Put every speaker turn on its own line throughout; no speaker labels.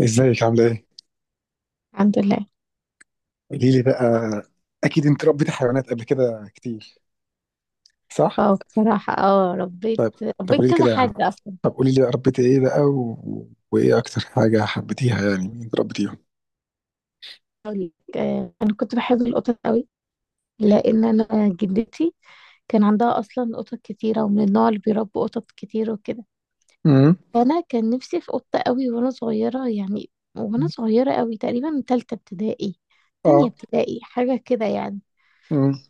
ازيك عاملة ايه؟
الحمد لله.
قولي لي بقى. اكيد انت ربيتي حيوانات قبل كده كتير، صح؟
اه بصراحة، ربيت
طيب. طب
ربيت
قولي لي
كذا
كده.
حاجة أصلا.
طب قولي لي بقى ربيتي ايه بقى، وايه اكتر حاجة حبيتيها، يعني من اللي انت ربيتيهم؟
أقول لك، أنا كنت بحب القطط قوي. لأن أنا جدتي كان عندها أصلا قطط كتيرة، ومن النوع اللي بيربوا قطط كتير وكده.
امم.
أنا كان نفسي في قطة قوي وأنا صغيرة يعني، وأنا صغيرة قوي تقريبا من تالتة ابتدائي، تانية
اه.
ابتدائي حاجة كده يعني.
امم.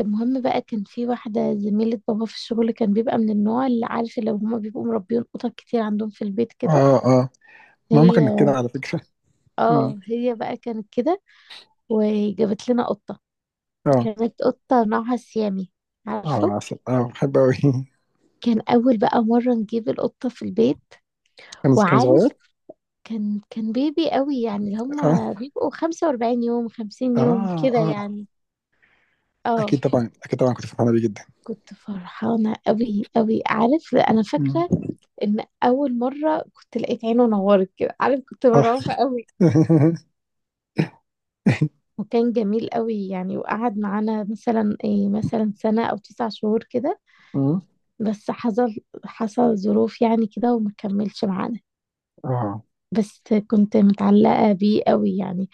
المهم بقى، كان في واحدة زميلة بابا في الشغل، كان بيبقى من النوع اللي، عارف، لو هما بيبقوا مربيين قطط كتير عندهم في البيت كده.
اه. اه، ماما كانت كده
هي
على فكرة. امم.
اه هي بقى كانت كده، وجابت لنا قطة.
اه.
كانت قطة نوعها سيامي،
اه،
عارفه.
عسل، اه بحب اوي.
كان أول بقى مرة نجيب القطة في البيت،
كان
وعارف،
صغير.
كان بيبي قوي يعني، اللي
اه.
هما بيبقوا 45 يوم 50 يوم
اه.
كده
اه،
يعني. اه
اكيد طبعا اكيد طبعا كنت فرحانة بيه جدا.
كنت فرحانة قوي قوي، عارف، أنا
مم.
فاكرة إن أول مرة كنت لقيت عينه نورت كده، عارف كنت
اه.
مرعوبة قوي. وكان جميل قوي يعني، وقعد معانا مثلا إيه، مثلا سنة أو تسع شهور كده.
مم.
بس حصل ظروف يعني كده، وما كملش معانا.
اه.
بس كنت متعلقة بيه قوي يعني،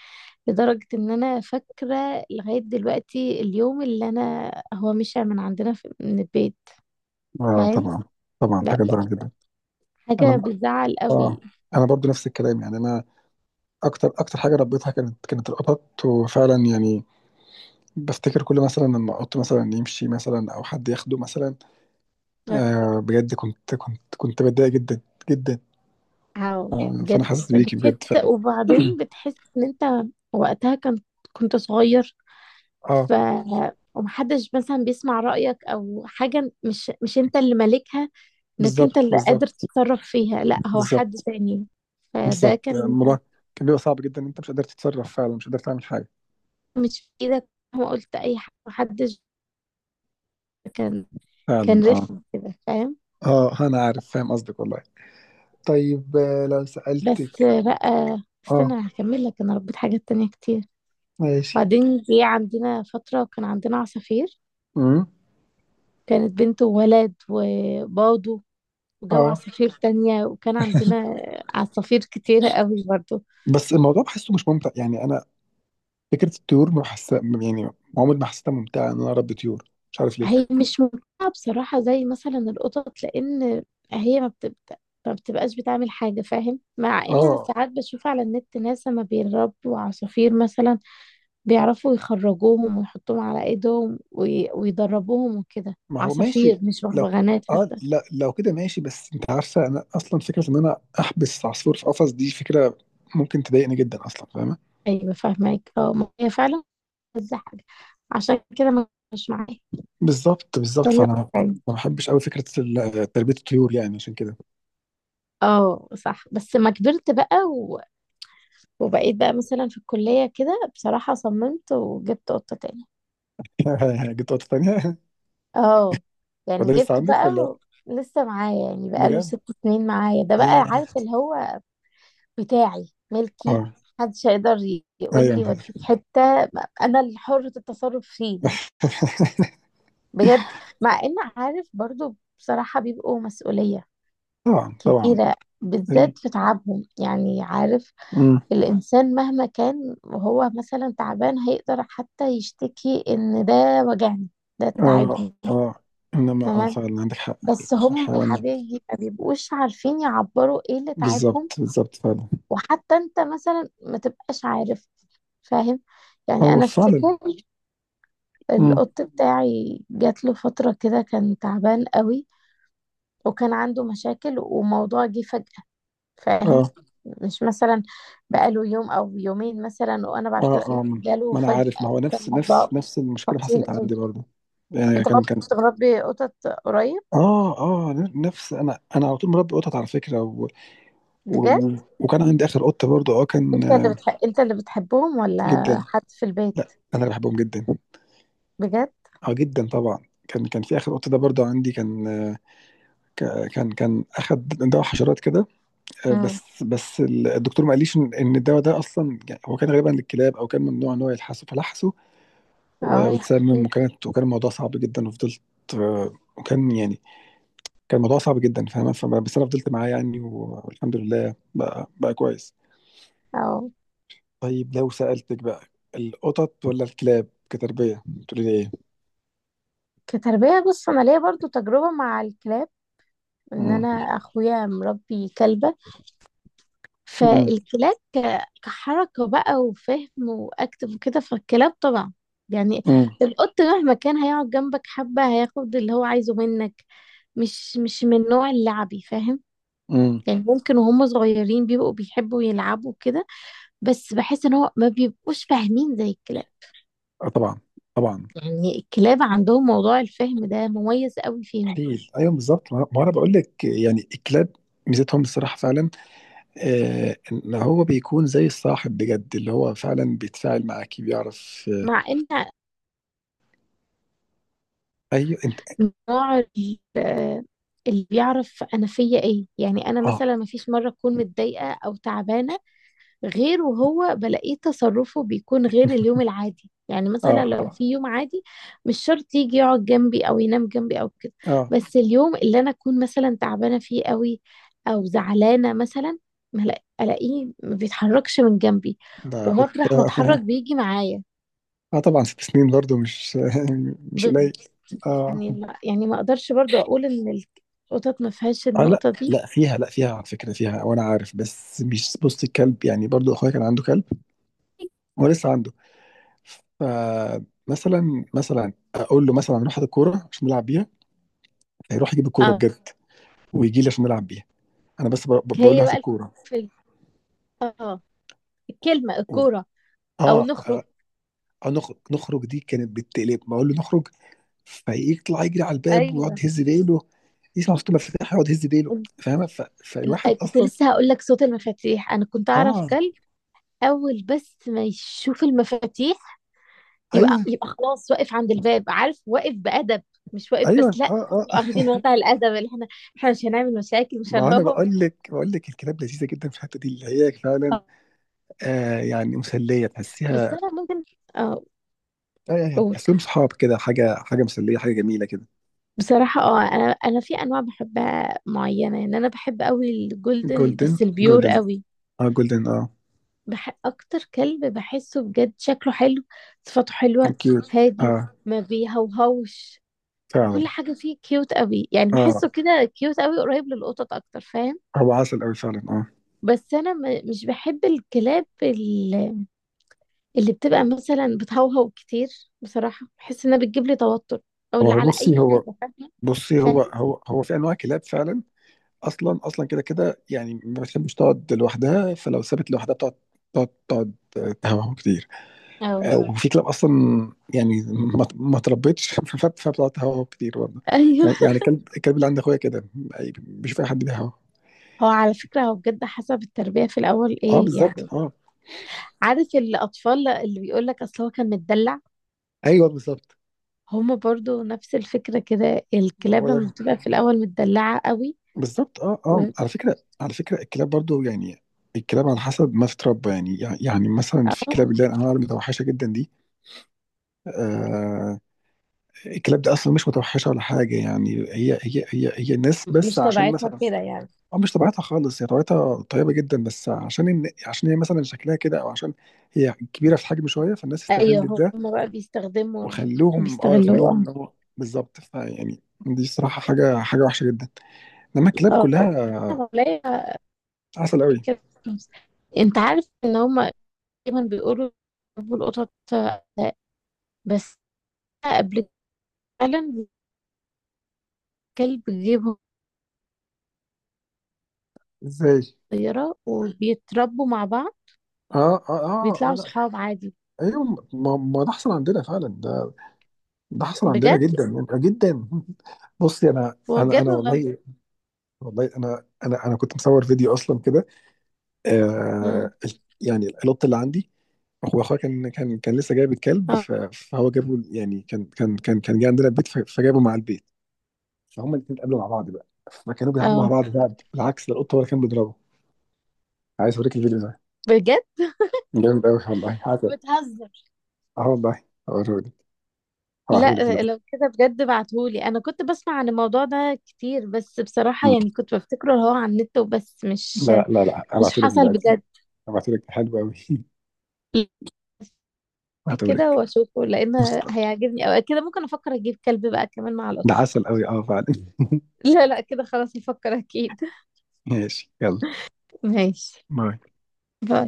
لدرجة ان انا فاكرة لغاية دلوقتي اليوم اللي انا هو مشى من عندنا في من البيت،
اه،
فاهم؟
طبعا طبعا
لا،
حاجة
لا،
تزعل جدا.
حاجة
انا
بتزعل
اه
قوي.
انا برضو نفس الكلام، يعني انا اكتر حاجه ربيتها كانت القطط، وفعلا يعني بفتكر كل مثلا لما قط مثلا يمشي مثلا او حد ياخده مثلا، آه بجد كنت بتضايق جدا، جدا.
أو
آه، فانا
بجد،
حاسس بيكي بجد
بتحس،
فعلا.
وبعدين بتحس ان انت وقتها كنت صغير،
اه،
ف ومحدش مثلا بيسمع رأيك او حاجة، مش انت اللي مالكها، انك انت
بالظبط
اللي قادر
بالظبط.
تتصرف فيها، لا هو حد
بالظبط
تاني. فده
بالظبط،
كان
الموضوع كان بيبقى صعب جدا، انت مش قادر تتصرف، فعلا مش قادر تعمل حاجه.
مش في ايدك، ما قلت اي حاجه، محدش كان
فعلا.
كان
اه.
رخم كده، فاهم؟
اه، انا عارف، فاهم قصدك والله. طيب، لو
بس
سألتك.
بقى
اه،
استنى هكمل لك، انا ربيت حاجات تانية كتير.
ماشي.
بعدين جه عندنا فتره كان عندنا عصافير،
امم.
كانت بنت وولد وباضوا وجابوا
اه.
عصافير تانية، وكان عندنا عصافير كتيرة قوي برضه.
بس الموضوع بحسه مش ممتع يعني، انا فكره الطيور ما بحس يعني عمري ما حسيتها ممتعه ان انا اربي طيور، مش عارف ليه.
هي مش ممتعة بصراحة زي مثلا القطط، لأن هي ما بتبدأ، ما بتبقاش بتعمل حاجة، فاهم؟ مع إن أنا
اه،
ساعات بشوف على النت ناس لما بيربوا عصافير مثلا بيعرفوا يخرجوهم ويحطوهم على إيدهم، ويدربوهم وكده،
ما هو ماشي.
عصافير، مش
لو ك-
بغبغانات
اه
حتى.
لا، لو كده ماشي، بس انت عارفه انا اصلا فكره ان انا احبس عصفور في قفص دي فكره ممكن تضايقني جدا اصلا، فاهمه.
أيوة، فاهمك، اه، ما هي فعلا عايزة حاجة، عشان كده ما مش معايا.
بالظبط بالظبط،
طب-
فانا ما بحبش قوي فكره تربيه الطيور يعني، عشان كده.
اه صح، بس ما كبرت بقى وبقيت بقى مثلا في الكلية كده، بصراحة صممت وجبت قطة تاني.
جبت نقطه تانيه.
اه، يعني
وده لسه
جبته
عندك
بقى
ولا؟
لسه معايا يعني، بقاله
بجد.
ست سنين معايا ده بقى،
ياه.
عارف اللي هو بتاعي ملكي،
اه.
محدش هيقدر يقول
ايوه.
لي وديك حتة، انا اللي حرة التصرف فيه يعني. بجد، مع ان، عارف، برضو بصراحة بيبقوا مسؤولية
طبعا طبعا.
كبيرة،
ال...
بالذات في تعبهم، يعني عارف، الإنسان مهما كان وهو مثلا تعبان هيقدر حتى يشتكي إن ده وجعني، ده
اه،
تعبني.
اه، انما
تمام،
فعلا عندك حق.
بس هم يا
الحيوان.
حبيبي ما بيبقوش عارفين يعبروا ايه اللي تعبهم،
بالظبط بالظبط فعلا.
وحتى انت مثلا ما تبقاش عارف، فاهم؟ يعني
هو
انا
فعلا.
افتكر
امم.
القط بتاعي جات له فترة كده كان تعبان قوي، وكان عنده مشاكل، وموضوع جه فجأة، فاهم؟
اه.
مش مثلا بقاله يوم او يومين مثلا، وانا
اه.
بعد كده،
اه. آه.
لا، جاله
ما انا عارف،
فجأة،
ما هو
وكان
نفس نفس
موضوع
نفس المشكله
خطير
حصلت عندي
قوي.
برضه، يعني
انت
كان
برضه
كان
كنت مربي قطط قريب؟
اه. اه نفس، انا على طول مربي قطط على فكره،
بجد؟
وكان عندي اخر قطه برضه، كان
انت اللي بتحبهم ولا
جدا.
حد في البيت؟
لا، انا اللي بحبهم جدا.
بجد؟
اه، جدا طبعا. كان في اخر قطه ده برضه عندي، كان كان اخد دواء حشرات كده،
امم.
بس الدكتور ما قاليش ان الدواء ده اصلا، يعني هو كان غالبا للكلاب، او كان ممنوع ان هو يلحسه فلحسه،
اه يا
واتسمم،
حبيبي،
وكانت وكان الموضوع صعب جدا، وفضلت وكان يعني كان الموضوع صعب جدا، فاهمة، بس انا فضلت معاه، يعني والحمد لله بقى بقى كويس.
اه.
طيب، لو سألتك بقى، القطط ولا الكلاب كتربية؟ تقولي لي ايه؟
كتربية، بص، انا ليا برضو تجربة مع الكلاب، ان
مم.
انا اخويا مربي كلبة.
مم.
فالكلاب كحركة بقى وفهم واكتف وكده، فالكلاب طبعا يعني،
مم.
القط مهما كان هيقعد جنبك حبة هياخد اللي هو عايزه منك، مش من النوع اللعبي، فاهم؟
مم.
يعني ممكن وهم صغيرين بيبقوا بيحبوا يلعبوا كده، بس بحس ان هو ما بيبقوش فاهمين زي الكلاب.
اه طبعا، طبعا.
يعني الكلاب عندهم موضوع الفهم ده مميز قوي فيهم.
مستحيل، ايوه بالظبط، ما انا بقول لك يعني، الكلاب ميزتهم الصراحة فعلا، آه، ان هو بيكون زي الصاحب بجد، اللي هو فعلا بيتفاعل معاكي، بيعرف آه.
مع ان
ايوه انت.
نوع اللي بيعرف انا فيا ايه، يعني انا
اه.
مثلا ما فيش مره اكون متضايقه او تعبانه غير وهو بلاقيه، تصرفه بيكون غير اليوم العادي. يعني مثلا
اه.
لو
اه.
في يوم عادي مش شرط يجي يقعد جنبي او ينام جنبي او كده،
اه.
بس اليوم اللي انا اكون مثلا تعبانه فيه قوي، او زعلانه مثلا، ما لا- الاقيه ما بيتحركش من جنبي، ومطرح ما اتحرك
آه.
بيجي معايا.
آه، طبعا 6 سنين برضو مش مش
بز...
قليل. اه.
يعني لا، يعني ما اقدرش برضو اقول ان القطط ما فيهاش
اه، لا
النقطة دي.
لا فيها، لا فيها على فكرة فيها، وانا عارف، بس مش، بص الكلب يعني، برضو اخويا كان عنده كلب، هو لسه عنده، فمثلا مثلا اقول له مثلا روح هات الكورة عشان نلعب بيها، هيروح يجيب الكورة
اه،
بجد، ويجي لي عشان نلعب بيها، انا بس بقول له
هي
هات
بقى،
الكورة،
في اه الكلمة
و-
الكورة او
اه
نخرج.
اه، نخرج، نخرج دي كانت بالتقلب، ما اقول له نخرج فيطلع يجري على الباب ويقعد
ايوه.
يهز ديله، يسمع صوت المفاتيح يقعد يهز ديله،
إن-
فاهمه فالواحد
كنت
اصلا.
لسه هقول لك صوت المفاتيح، انا كنت اعرف
اه.
كلب، اول بس ما يشوف المفاتيح يبقى
ايوه.
يبقى خلاص، واقف عند الباب، عارف، واقف بأدب. مش واقف بس،
ايوه.
لا،
اه. اه.
نبقى واخدين وضع الأدب، اللي احنا، احنا مش هنعمل مشاكل، مش
ما انا
هنهرب.
بقول لك، الكلاب لذيذه جدا في الحته دي، اللي هي فعلا آه، يعني مسليه
بس
تحسيها،
انا ممكن، اه،
آه يعني
قول.
تحسهم صحاب كده، حاجه، حاجه مسليه، حاجه جميله كده.
بصراحة، انا في انواع بحبها معينة، يعني انا بحب قوي الجولدن
جولدن.
بس البيور
جولدن.
قوي.
اه، جولدن. اه.
اكتر كلب بحسه بجد شكله حلو، صفاته حلوة،
كيوت.
هادي،
اه.
ما بيهوهوش،
فعلا.
كل حاجة فيه كيوت قوي، يعني
اه.
بحسه كده كيوت قوي، قريب للقطط اكتر، فاهم؟
هو عسل قوي فعلا. اه.
بس انا مش بحب الكلاب اللي بتبقى مثلا بتهوهو كتير، بصراحة بحس انها بتجيب لي توتر، او
هو
اللي
هو
على
بصي
اي حاجة،
هو
فاهمة؟
بصي هو
فاهم،
هو هو في انواع كلاب فعلا، اصلا كده كده، يعني ما بتحبش تقعد لوحدها، فلو سابت لوحدها بتقعد، تقعد تهوهو كتير،
اه.
مم. وفي كلاب اصلا يعني ما تربتش فبتقعد تهوهو كتير برضه،
ايوه.
يعني الكلب اللي عند اخويا كده، بيشوف اي حد بيهوهو.
هو على فكرة هو بجد حسب التربية في الأول
اه،
إيه
بالظبط.
يعني،
اه.
عارف الأطفال اللي بيقول لك أصل هو كان متدلع،
ايوه بالظبط.
هما برضو نفس الفكرة كده،
هو
الكلاب لما
ده
بتبقى في الأول متدلعة قوي
بالظبط. اه،
و...
اه، على فكره، الكلاب برضه يعني، الكلاب على حسب ما تتربى، يعني مثلا في كلاب
أو
اللي هي الانواع المتوحشه جدا دي، آه الكلاب دي اصلا مش متوحشه ولا حاجه، يعني هي الناس بس،
مش
عشان
طبيعتها
مثلا،
كده يعني.
اه مش طبيعتها خالص، هي طبيعتها طيبه جدا، بس عشان إن عشان هي مثلا شكلها كده، او عشان هي كبيره في الحجم شويه، فالناس استغلت
أيوه،
ده
هما بقى بيستخدموا
وخلوهم، اه خلوهم
وبيستغلوه.
ان هو بالظبط، فيعني دي صراحه حاجه، حاجه وحشه جدا، انما الكلاب
أه،
كلها
أه، ولا
عسل قوي.
أكل فلوس. أنت عارف إن هما دايما بيقولوا بيحبوا القطط، بس قبل فعلا الكلب بيجيبهم
ازاي؟
صغيرة وبيتربوا مع بعض
اه. اه. اه. اه.
بيطلعوا
لا.
صحاب عادي.
ايوه. ما ده حصل عندنا فعلا، ده ده حصل عندنا
بجد؟
جدا يعني، جدا. بصي، انا انا
بجد
انا
والله.
والله، والله انا كنت مصور فيديو اصلا كده،
امم،
آه يعني القط اللي عندي، هو اخويا كان كان لسه جايب الكلب،
اه،
فهو جابه، يعني كان جه عندنا البيت، فجابه مع البيت، فهم الاثنين اتقابلوا مع بعض بقى، فكانوا بيلعبوا مع
اه.
بعض بقى، بالعكس ده القط هو اللي كان بيضربه. عايز اوريك الفيديو ده،
بجد.
جامد قوي والله، عسل.
بتهزر؟
اه والله. هوريهولك، هبعتهولك
لا،
دلوقتي.
لو كده بجد بعتهولي، انا كنت بسمع عن الموضوع ده كتير بس بصراحة
مم.
يعني كنت بفتكره اللي هو على النت وبس، مش
لا لا لا،
مش
هبعتهولك
حصل
دلوقتي،
بجد.
هبعتهولك، حلو قوي.
كده
هبعتهولك.
واشوفه، لان هيعجبني، او كده ممكن افكر اجيب كلب بقى كمان مع القطة.
ده عسل قوي، اه فعلا.
لا، لا، كده خلاص، افكر اكيد.
ماشي، يلا.
ماشي.
باي.
باي.